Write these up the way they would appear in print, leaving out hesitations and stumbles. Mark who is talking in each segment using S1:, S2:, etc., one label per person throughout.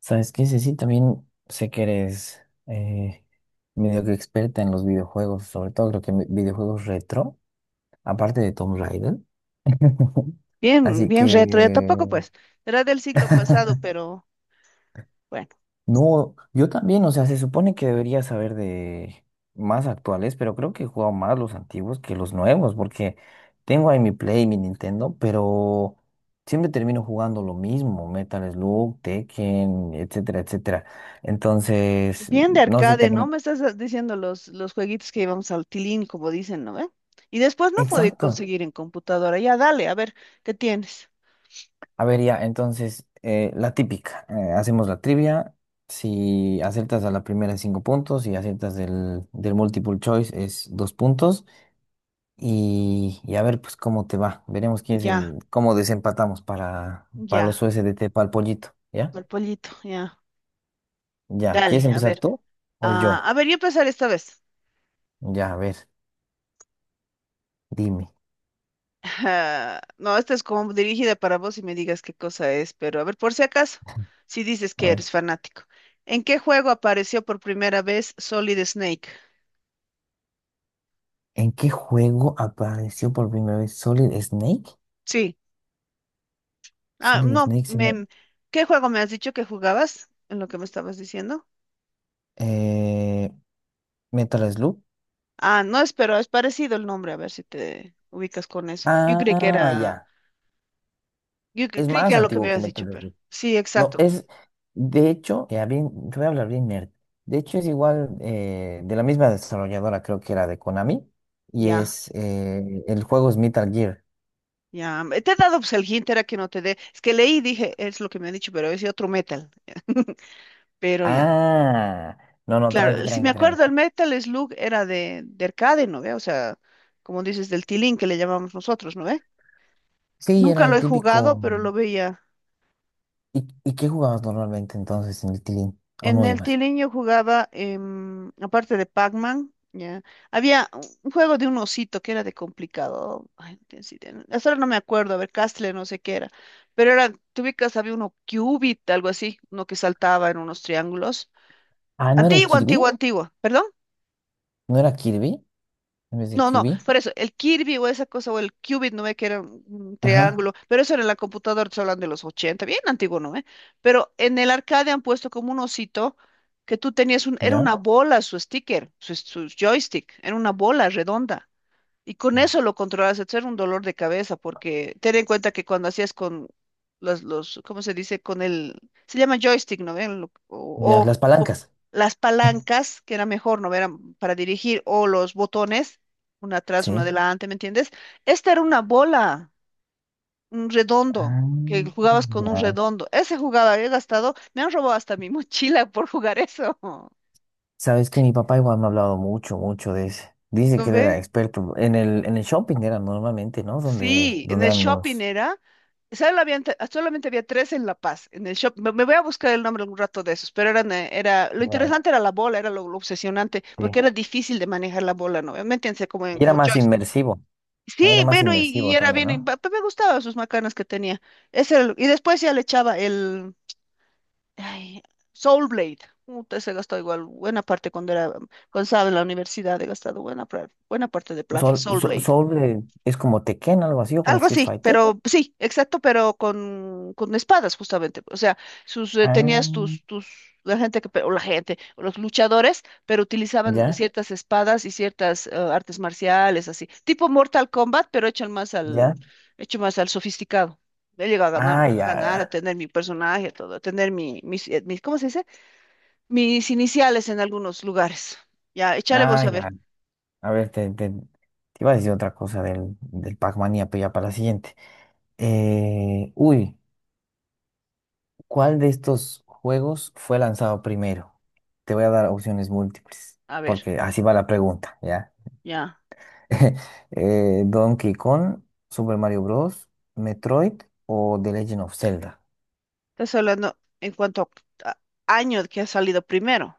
S1: ¿Sabes qué, Ceci? También sé que eres eh, medio que experta en los videojuegos, sobre todo creo que en videojuegos retro, aparte de Tomb Raider.
S2: Bien,
S1: Así
S2: bien retro, ya tampoco
S1: que...
S2: pues, era del siglo pasado, pero bueno,
S1: No, yo también, o sea, se supone que debería saber de más actuales, pero creo que he jugado más los antiguos que los nuevos, porque tengo ahí mi Play, mi Nintendo, pero siempre termino jugando lo mismo, Metal Slug, Tekken, etcétera, etcétera. Entonces,
S2: bien de
S1: no sé si te
S2: arcade, ¿no? Me estás diciendo los jueguitos que íbamos al tilín, como dicen, ¿no ve? Y después no podía
S1: exacto.
S2: conseguir en computadora, ya dale, a ver, ¿qué tienes?
S1: A ver, ya, entonces, la típica, hacemos la trivia. Si aciertas a la primera es cinco puntos, si aciertas del multiple choice es dos puntos. Y a ver, pues, cómo te va. Veremos quién es
S2: Ya,
S1: el, cómo desempatamos para
S2: ya,
S1: los USDT para el pollito, ¿ya?
S2: el pollito, ya,
S1: Ya, ¿quieres
S2: dale, a
S1: empezar
S2: ver,
S1: tú o yo?
S2: a ver, yo empezar esta vez.
S1: Ya, a ver, dime.
S2: Ajá. No, esta es como dirigida para vos y me digas qué cosa es, pero a ver, por si acaso, si dices
S1: A
S2: que
S1: ver,
S2: eres fanático. ¿En qué juego apareció por primera vez Solid Snake?
S1: ¿en qué juego apareció por primera vez Solid Snake?
S2: Sí. Ah,
S1: Solid
S2: no,
S1: Snake se me...
S2: me, ¿Qué juego me has dicho que jugabas en lo que me estabas diciendo?
S1: eh, Metal Slug.
S2: Ah, no, es, pero es parecido el nombre, a ver si te ubicas con eso. Yo creí que
S1: Ah,
S2: era,
S1: ya.
S2: yo cre-
S1: Es
S2: Creí que
S1: más
S2: era lo que me
S1: antiguo que
S2: habías
S1: Metal
S2: dicho, pero
S1: Slug.
S2: sí,
S1: No,
S2: exacto.
S1: es, de hecho, ya bien, te voy a hablar bien nerd. De hecho, es igual, de la misma desarrolladora, creo que era de Konami, y
S2: Ya,
S1: es, el juego es Metal Gear.
S2: ya. Te he dado pues el hint, era que no te dé. Es que leí y dije, es lo que me han dicho, pero es otro metal. Pero ya,
S1: Ah, no, no, tranqui,
S2: claro, si me
S1: tranqui,
S2: acuerdo, el
S1: tranqui.
S2: Metal Slug era de arcade, ¿no ve? O sea, como dices, del tilín que le llamamos nosotros, ¿no ve?
S1: Sí, era
S2: Nunca lo
S1: el
S2: he jugado,
S1: típico.
S2: pero lo veía.
S1: Y qué jugabas normalmente entonces en el Tilín? ¿O
S2: En
S1: no
S2: el
S1: ibas?
S2: tilín yo jugaba, aparte de Pac-Man, ya. Había un juego de un osito que era de complicado. Ay, no tienes idea, hasta ahora no me acuerdo, a ver, Castle, no sé qué era. Pero era, tú ubicas, había uno Cubit, algo así, uno que saltaba en unos triángulos.
S1: Ah, ¿no era el
S2: Antigua,
S1: Kirby?
S2: antigua, antigua, ¿perdón?
S1: ¿No era Kirby? En vez de
S2: No, no,
S1: Kirby.
S2: por eso, el Kirby o esa cosa, o el Qubit, no ve que era un
S1: Ajá,
S2: triángulo, pero eso era en la computadora, estoy hablando de los 80, bien antiguo, ¿no ve? Pero en el arcade han puesto como un osito que tú tenías un, era
S1: ya.
S2: una bola su sticker, su joystick, era una bola redonda. Y con
S1: Mm.
S2: eso lo controlabas, eso era un dolor de cabeza, porque ten en cuenta que cuando hacías con los, ¿cómo se dice? Con el, se llama joystick, ¿no ven?
S1: Ya, las
S2: O
S1: palancas.
S2: las palancas, que era mejor, ¿no ven? Eran para dirigir, o los botones, una atrás, una
S1: Sí.
S2: adelante, ¿me entiendes? Esta era una bola, un redondo,
S1: Ah,
S2: que jugabas con
S1: ya.
S2: un redondo. Ese jugaba, he gastado, me han robado hasta mi mochila por jugar eso,
S1: Sabes que mi papá igual me ha hablado mucho, mucho de ese. Dice
S2: ¿no
S1: que él era
S2: ve?
S1: experto. En el shopping era normalmente, ¿no? Donde,
S2: Sí, en
S1: donde
S2: el
S1: eran
S2: shopping
S1: los.
S2: era. Solo solamente había tres en La Paz, en el shopping. Me voy a buscar el nombre algún rato de esos, pero lo
S1: Ya,
S2: interesante era la bola, era lo obsesionante,
S1: sí.
S2: porque era difícil de manejar la bola, ¿no? Métanse como en,
S1: Y era
S2: como
S1: más
S2: joystick.
S1: inmersivo,
S2: Sí,
S1: ¿no? Era más
S2: bueno,
S1: inmersivo
S2: y era
S1: también,
S2: bien, y
S1: ¿no?
S2: me gustaban sus macanas que tenía. Y después ya le echaba el ay, Soul Blade. Puta, se gastó igual buena parte cuando era, cuando estaba en la universidad, he gastado buena parte de plata,
S1: Sol,
S2: Soul
S1: so-
S2: Blade.
S1: Soul, es como Tekken, algo así, o como
S2: Algo
S1: Street
S2: así,
S1: Fighter.
S2: pero sí, exacto, pero con espadas justamente. O sea, sus
S1: Ah,
S2: tenías tus la gente que pe- o la gente o los luchadores, pero utilizaban
S1: ya,
S2: ciertas espadas y ciertas artes marciales así, tipo Mortal Kombat, pero
S1: ya.
S2: hecho más al sofisticado. He llegado a ganar,
S1: Ah,
S2: a
S1: ya,
S2: ganar, a
S1: ya.
S2: tener mi personaje, a todo, a tener mis, mis, ¿cómo se dice? Mis iniciales en algunos lugares. Ya, échale vos
S1: Ah, ya. A ver, te iba a decir otra cosa del Pac-Man, ya, pero ya para la siguiente. Uy. ¿Cuál de estos juegos fue lanzado primero? Te voy a dar opciones múltiples,
S2: a ver,
S1: porque así va la pregunta, ¿ya?
S2: ya.
S1: Donkey Kong, Super Mario Bros., Metroid o The Legend of Zelda.
S2: Estás hablando en cuanto a a- año que ha salido primero.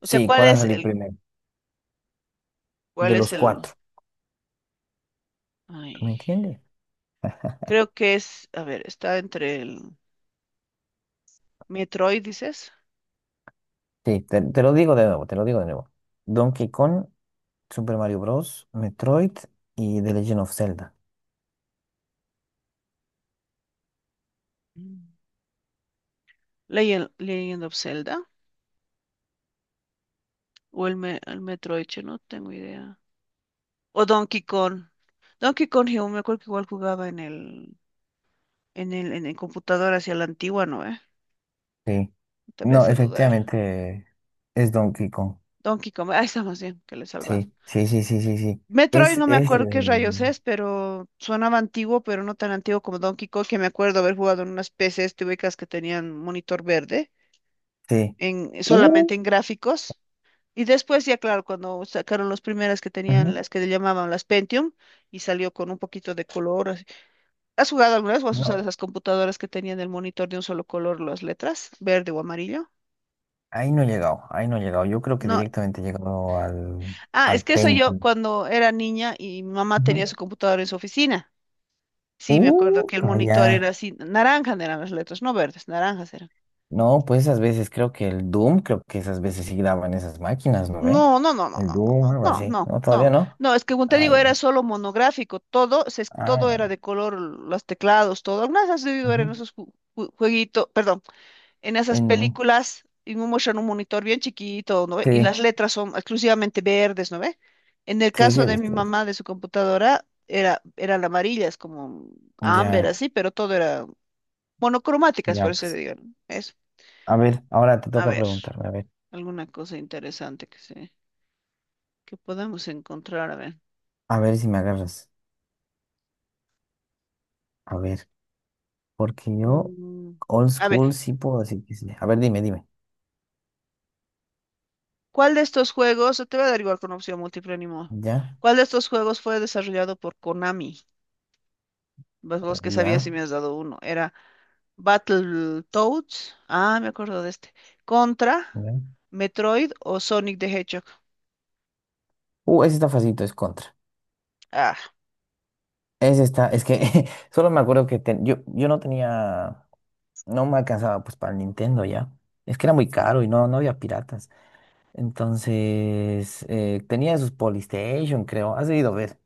S2: O sea,
S1: Sí, ¿cuál ha salido primero?
S2: ¿cuál
S1: De
S2: es
S1: los
S2: el,
S1: cuatro. ¿Tú me
S2: ay,
S1: entiendes?
S2: creo que es, a ver, está entre el Metroid, dices,
S1: Sí, te lo digo de nuevo, te lo digo de nuevo. Donkey Kong, Super Mario Bros., Metroid y The Legend of Zelda.
S2: Mm. Legend of Zelda, o el Metroid, che, no tengo idea. O Donkey Kong. Donkey Kong, yo me acuerdo que igual jugaba en en el computador hacia la antigua, ¿no? ¿Eh?
S1: Sí.
S2: Te me
S1: No,
S2: hace dudar.
S1: efectivamente es Donkey Kong.
S2: Donkey Kong, ahí está más bien, que le he salvado.
S1: Sí, sí, sí, sí, sí, sí.
S2: Metroid
S1: Es,
S2: no me
S1: es,
S2: acuerdo qué rayos
S1: eh,
S2: es, pero sonaba antiguo, pero no tan antiguo como Donkey Kong, que me acuerdo haber jugado en unas PCs tubicas que tenían monitor verde,
S1: sí.
S2: en,
S1: Uh,
S2: solamente en gráficos. Y después ya, claro, cuando sacaron las primeras que tenían,
S1: ujú,
S2: las que le llamaban las Pentium, y salió con un poquito de color. Así. ¿Has jugado alguna vez o has usado
S1: no,
S2: esas computadoras que tenían el monitor de un solo color, las letras, verde o amarillo?
S1: ahí no he llegado, ahí no he llegado. Yo creo que
S2: No.
S1: directamente he llegado al,
S2: Ah, es
S1: al
S2: que eso yo
S1: Pentium.
S2: cuando era niña y mi mamá tenía
S1: Ujú.
S2: su computadora en su oficina. Sí, me acuerdo que el monitor
S1: Calla.
S2: era así, naranja eran las letras, no verdes, naranjas eran.
S1: No, pues esas veces creo que el Doom, creo que esas veces sí graban esas máquinas, ¿no ve?
S2: No, no, no, no,
S1: El
S2: no,
S1: Doom, algo
S2: no, no,
S1: así.
S2: no,
S1: No, todavía
S2: no,
S1: no.
S2: no, es que como te
S1: Ah,
S2: digo, era
S1: ya.
S2: solo monográfico, todo,
S1: Ah, ya.
S2: todo era de color, los teclados, todo. Algunas has debido ver en
S1: Ujú.
S2: esos jueguitos, perdón, en esas
S1: En,
S2: películas, y me muestran un monitor bien chiquito, ¿no ve? Y
S1: sí,
S2: las letras son exclusivamente verdes, ¿no ve? En el
S1: sí, sí,
S2: caso
S1: he
S2: de mi
S1: visto. He visto.
S2: mamá, de su computadora, eran amarillas, como ámbar,
S1: Ya,
S2: así, pero todo era monocromáticas,
S1: ya,
S2: por eso
S1: pues.
S2: digo, ¿no? Eso.
S1: A ver, ahora te
S2: A
S1: toca
S2: ver,
S1: preguntarme, a ver.
S2: alguna cosa interesante que podamos encontrar. A ver.
S1: A ver si me agarras. A ver. Porque yo,
S2: Mm,
S1: old
S2: a ver,
S1: school, sí puedo decir que sí. A ver, dime, dime.
S2: ¿cuál de estos juegos, te voy a dar igual con opción múltiple ni modo.
S1: Ya,
S2: ¿Cuál de estos juegos fue desarrollado por Konami? Pues vos que sabías
S1: ya,
S2: si me has dado uno. Era Battletoads. Ah, me acuerdo de este. Contra,
S1: ya.
S2: Metroid o Sonic the Hedgehog.
S1: Ese está facilito, es contra.
S2: Ah,
S1: Ese está, es que solo me acuerdo que ten- yo no tenía, no me alcanzaba pues para el Nintendo ya. Es que era muy caro y no, no había piratas. Entonces, tenía sus Polystation, creo. Has debido ver,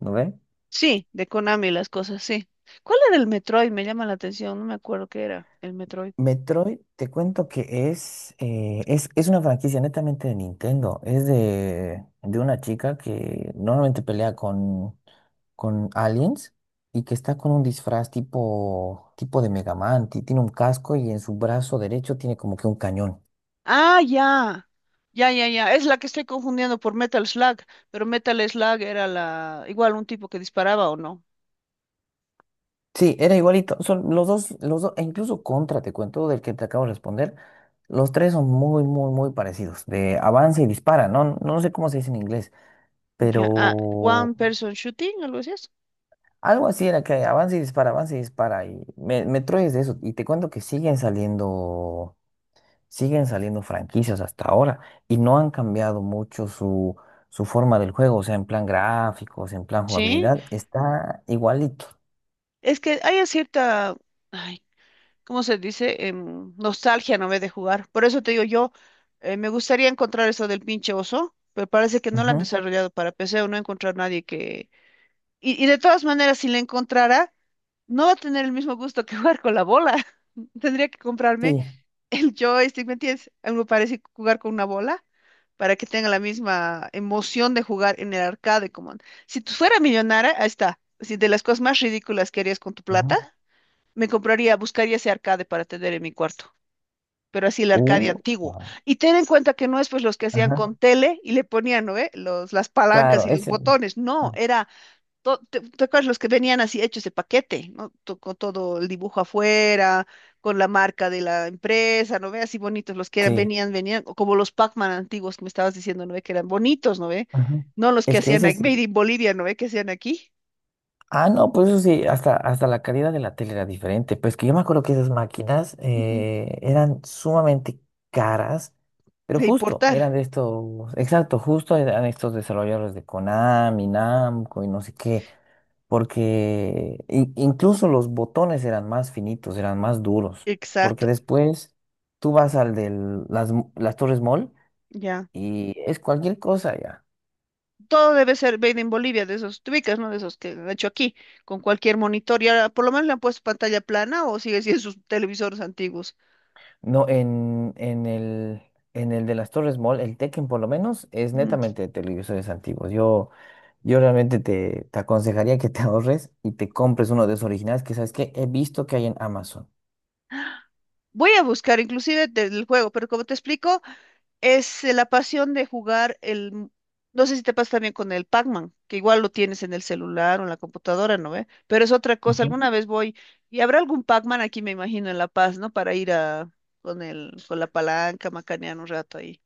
S1: ¿no ve?
S2: sí, de Konami las cosas, sí. ¿Cuál era el Metroid? Me llama la atención, no me acuerdo qué era el Metroid.
S1: Metroid, te cuento que es, es una franquicia netamente de Nintendo. Es de una chica que normalmente pelea con aliens y que está con un disfraz tipo, tipo de Mega Man. Ti- Tiene un casco y en su brazo derecho tiene como que un cañón.
S2: Ah, ya. Ya, ya, ya. Es la que estoy confundiendo por Metal Slug, pero Metal Slug era la igual un tipo que disparaba o no.
S1: Sí, era igualito. Son los dos, e incluso Contra, te cuento, del que te acabo de responder. Los tres son muy, muy, muy parecidos. De avanza y dispara, ¿no? No sé cómo se dice en inglés,
S2: Ya, ah,
S1: pero
S2: One Person Shooting, algo así es.
S1: algo así era que avanza y dispara, avanza y dispara. Y me, Metroid es de eso. Y te cuento que siguen saliendo. Siguen saliendo franquicias hasta ahora y no han cambiado mucho su, su forma del juego, o sea, en plan gráficos, en plan
S2: Sí,
S1: jugabilidad, está igualito.
S2: es que hay cierta, ay, ¿cómo se dice? Nostalgia, no ve de jugar. Por eso te digo yo, me gustaría encontrar eso del pinche oso, pero parece que no lo han
S1: Ujú,
S2: desarrollado para PC o no he encontrado nadie que... Y de todas maneras, si la encontrara, no va a tener el mismo gusto que jugar con la bola. Tendría que comprarme
S1: sí.
S2: el joystick, ¿me entiendes? A mí me parece jugar con una bola para que tenga la misma emoción de jugar en el arcade. Si tú fuera millonaria, ahí está. Si de las cosas más ridículas que harías con tu plata,
S1: Ujú.
S2: me compraría, buscaría ese arcade para tener en mi cuarto. Pero así el arcade Ujú
S1: Uh,
S2: antiguo.
S1: ah,
S2: Y ten en cuenta que no es pues los que hacían
S1: ajá,
S2: con tele y le ponían, ¿no? ¿Eh? Las palancas
S1: claro,
S2: y los
S1: ese.
S2: botones. No,
S1: Ah,
S2: era ¿te te acuerdas los que venían así hechos de paquete, ¿no? Con todo el dibujo afuera, con la marca de la empresa, ¿no ve? Así bonitos los que eran,
S1: sí.
S2: venían, o como los Pac-Man antiguos que me estabas diciendo, ¿no ve? Que eran bonitos, ¿no ve?
S1: Ujú.
S2: No los que
S1: Es que
S2: hacían
S1: ese
S2: aquí-
S1: es.
S2: Made in Bolivia, ¿no ve? Que hacían aquí,
S1: Ah, no, pues eso sí, hasta, hasta la calidad de la tele era diferente. Pues que yo me acuerdo que esas máquinas
S2: Ujú,
S1: eran sumamente caras, pero
S2: de
S1: justo, eran
S2: importar.
S1: de estos, exacto, justo eran estos desarrolladores de Konami, Namco y no sé qué, porque in- incluso los botones eran más finitos, eran más duros, porque
S2: Exacto,
S1: después tú vas al de las Torres Mall
S2: ya.
S1: y es cualquier cosa ya.
S2: Todo debe ser made in Bolivia, de esos, te ¿no? De esos que han hecho aquí, con cualquier monitor. Y ahora, por lo menos le han puesto pantalla plana o sigue siendo sus televisores antiguos.
S1: No, en el de las Torres Mall, el Tekken por lo menos, es netamente de televisores antiguos. Yo realmente te aconsejaría que te ahorres y te compres uno de esos originales que sabes que he visto que hay en Amazon.
S2: Voy a buscar inclusive del juego, pero como te explico, es la pasión de jugar el... M- no sé si te pasa también con el Pac-Man, que igual lo tienes en el celular o en la computadora, ¿no ve? Pero es otra cosa. Alguna vez voy, y habrá algún Pac-Man aquí, me imagino, en La Paz, ¿no? Para ir a con el, con la palanca, macanear un rato ahí.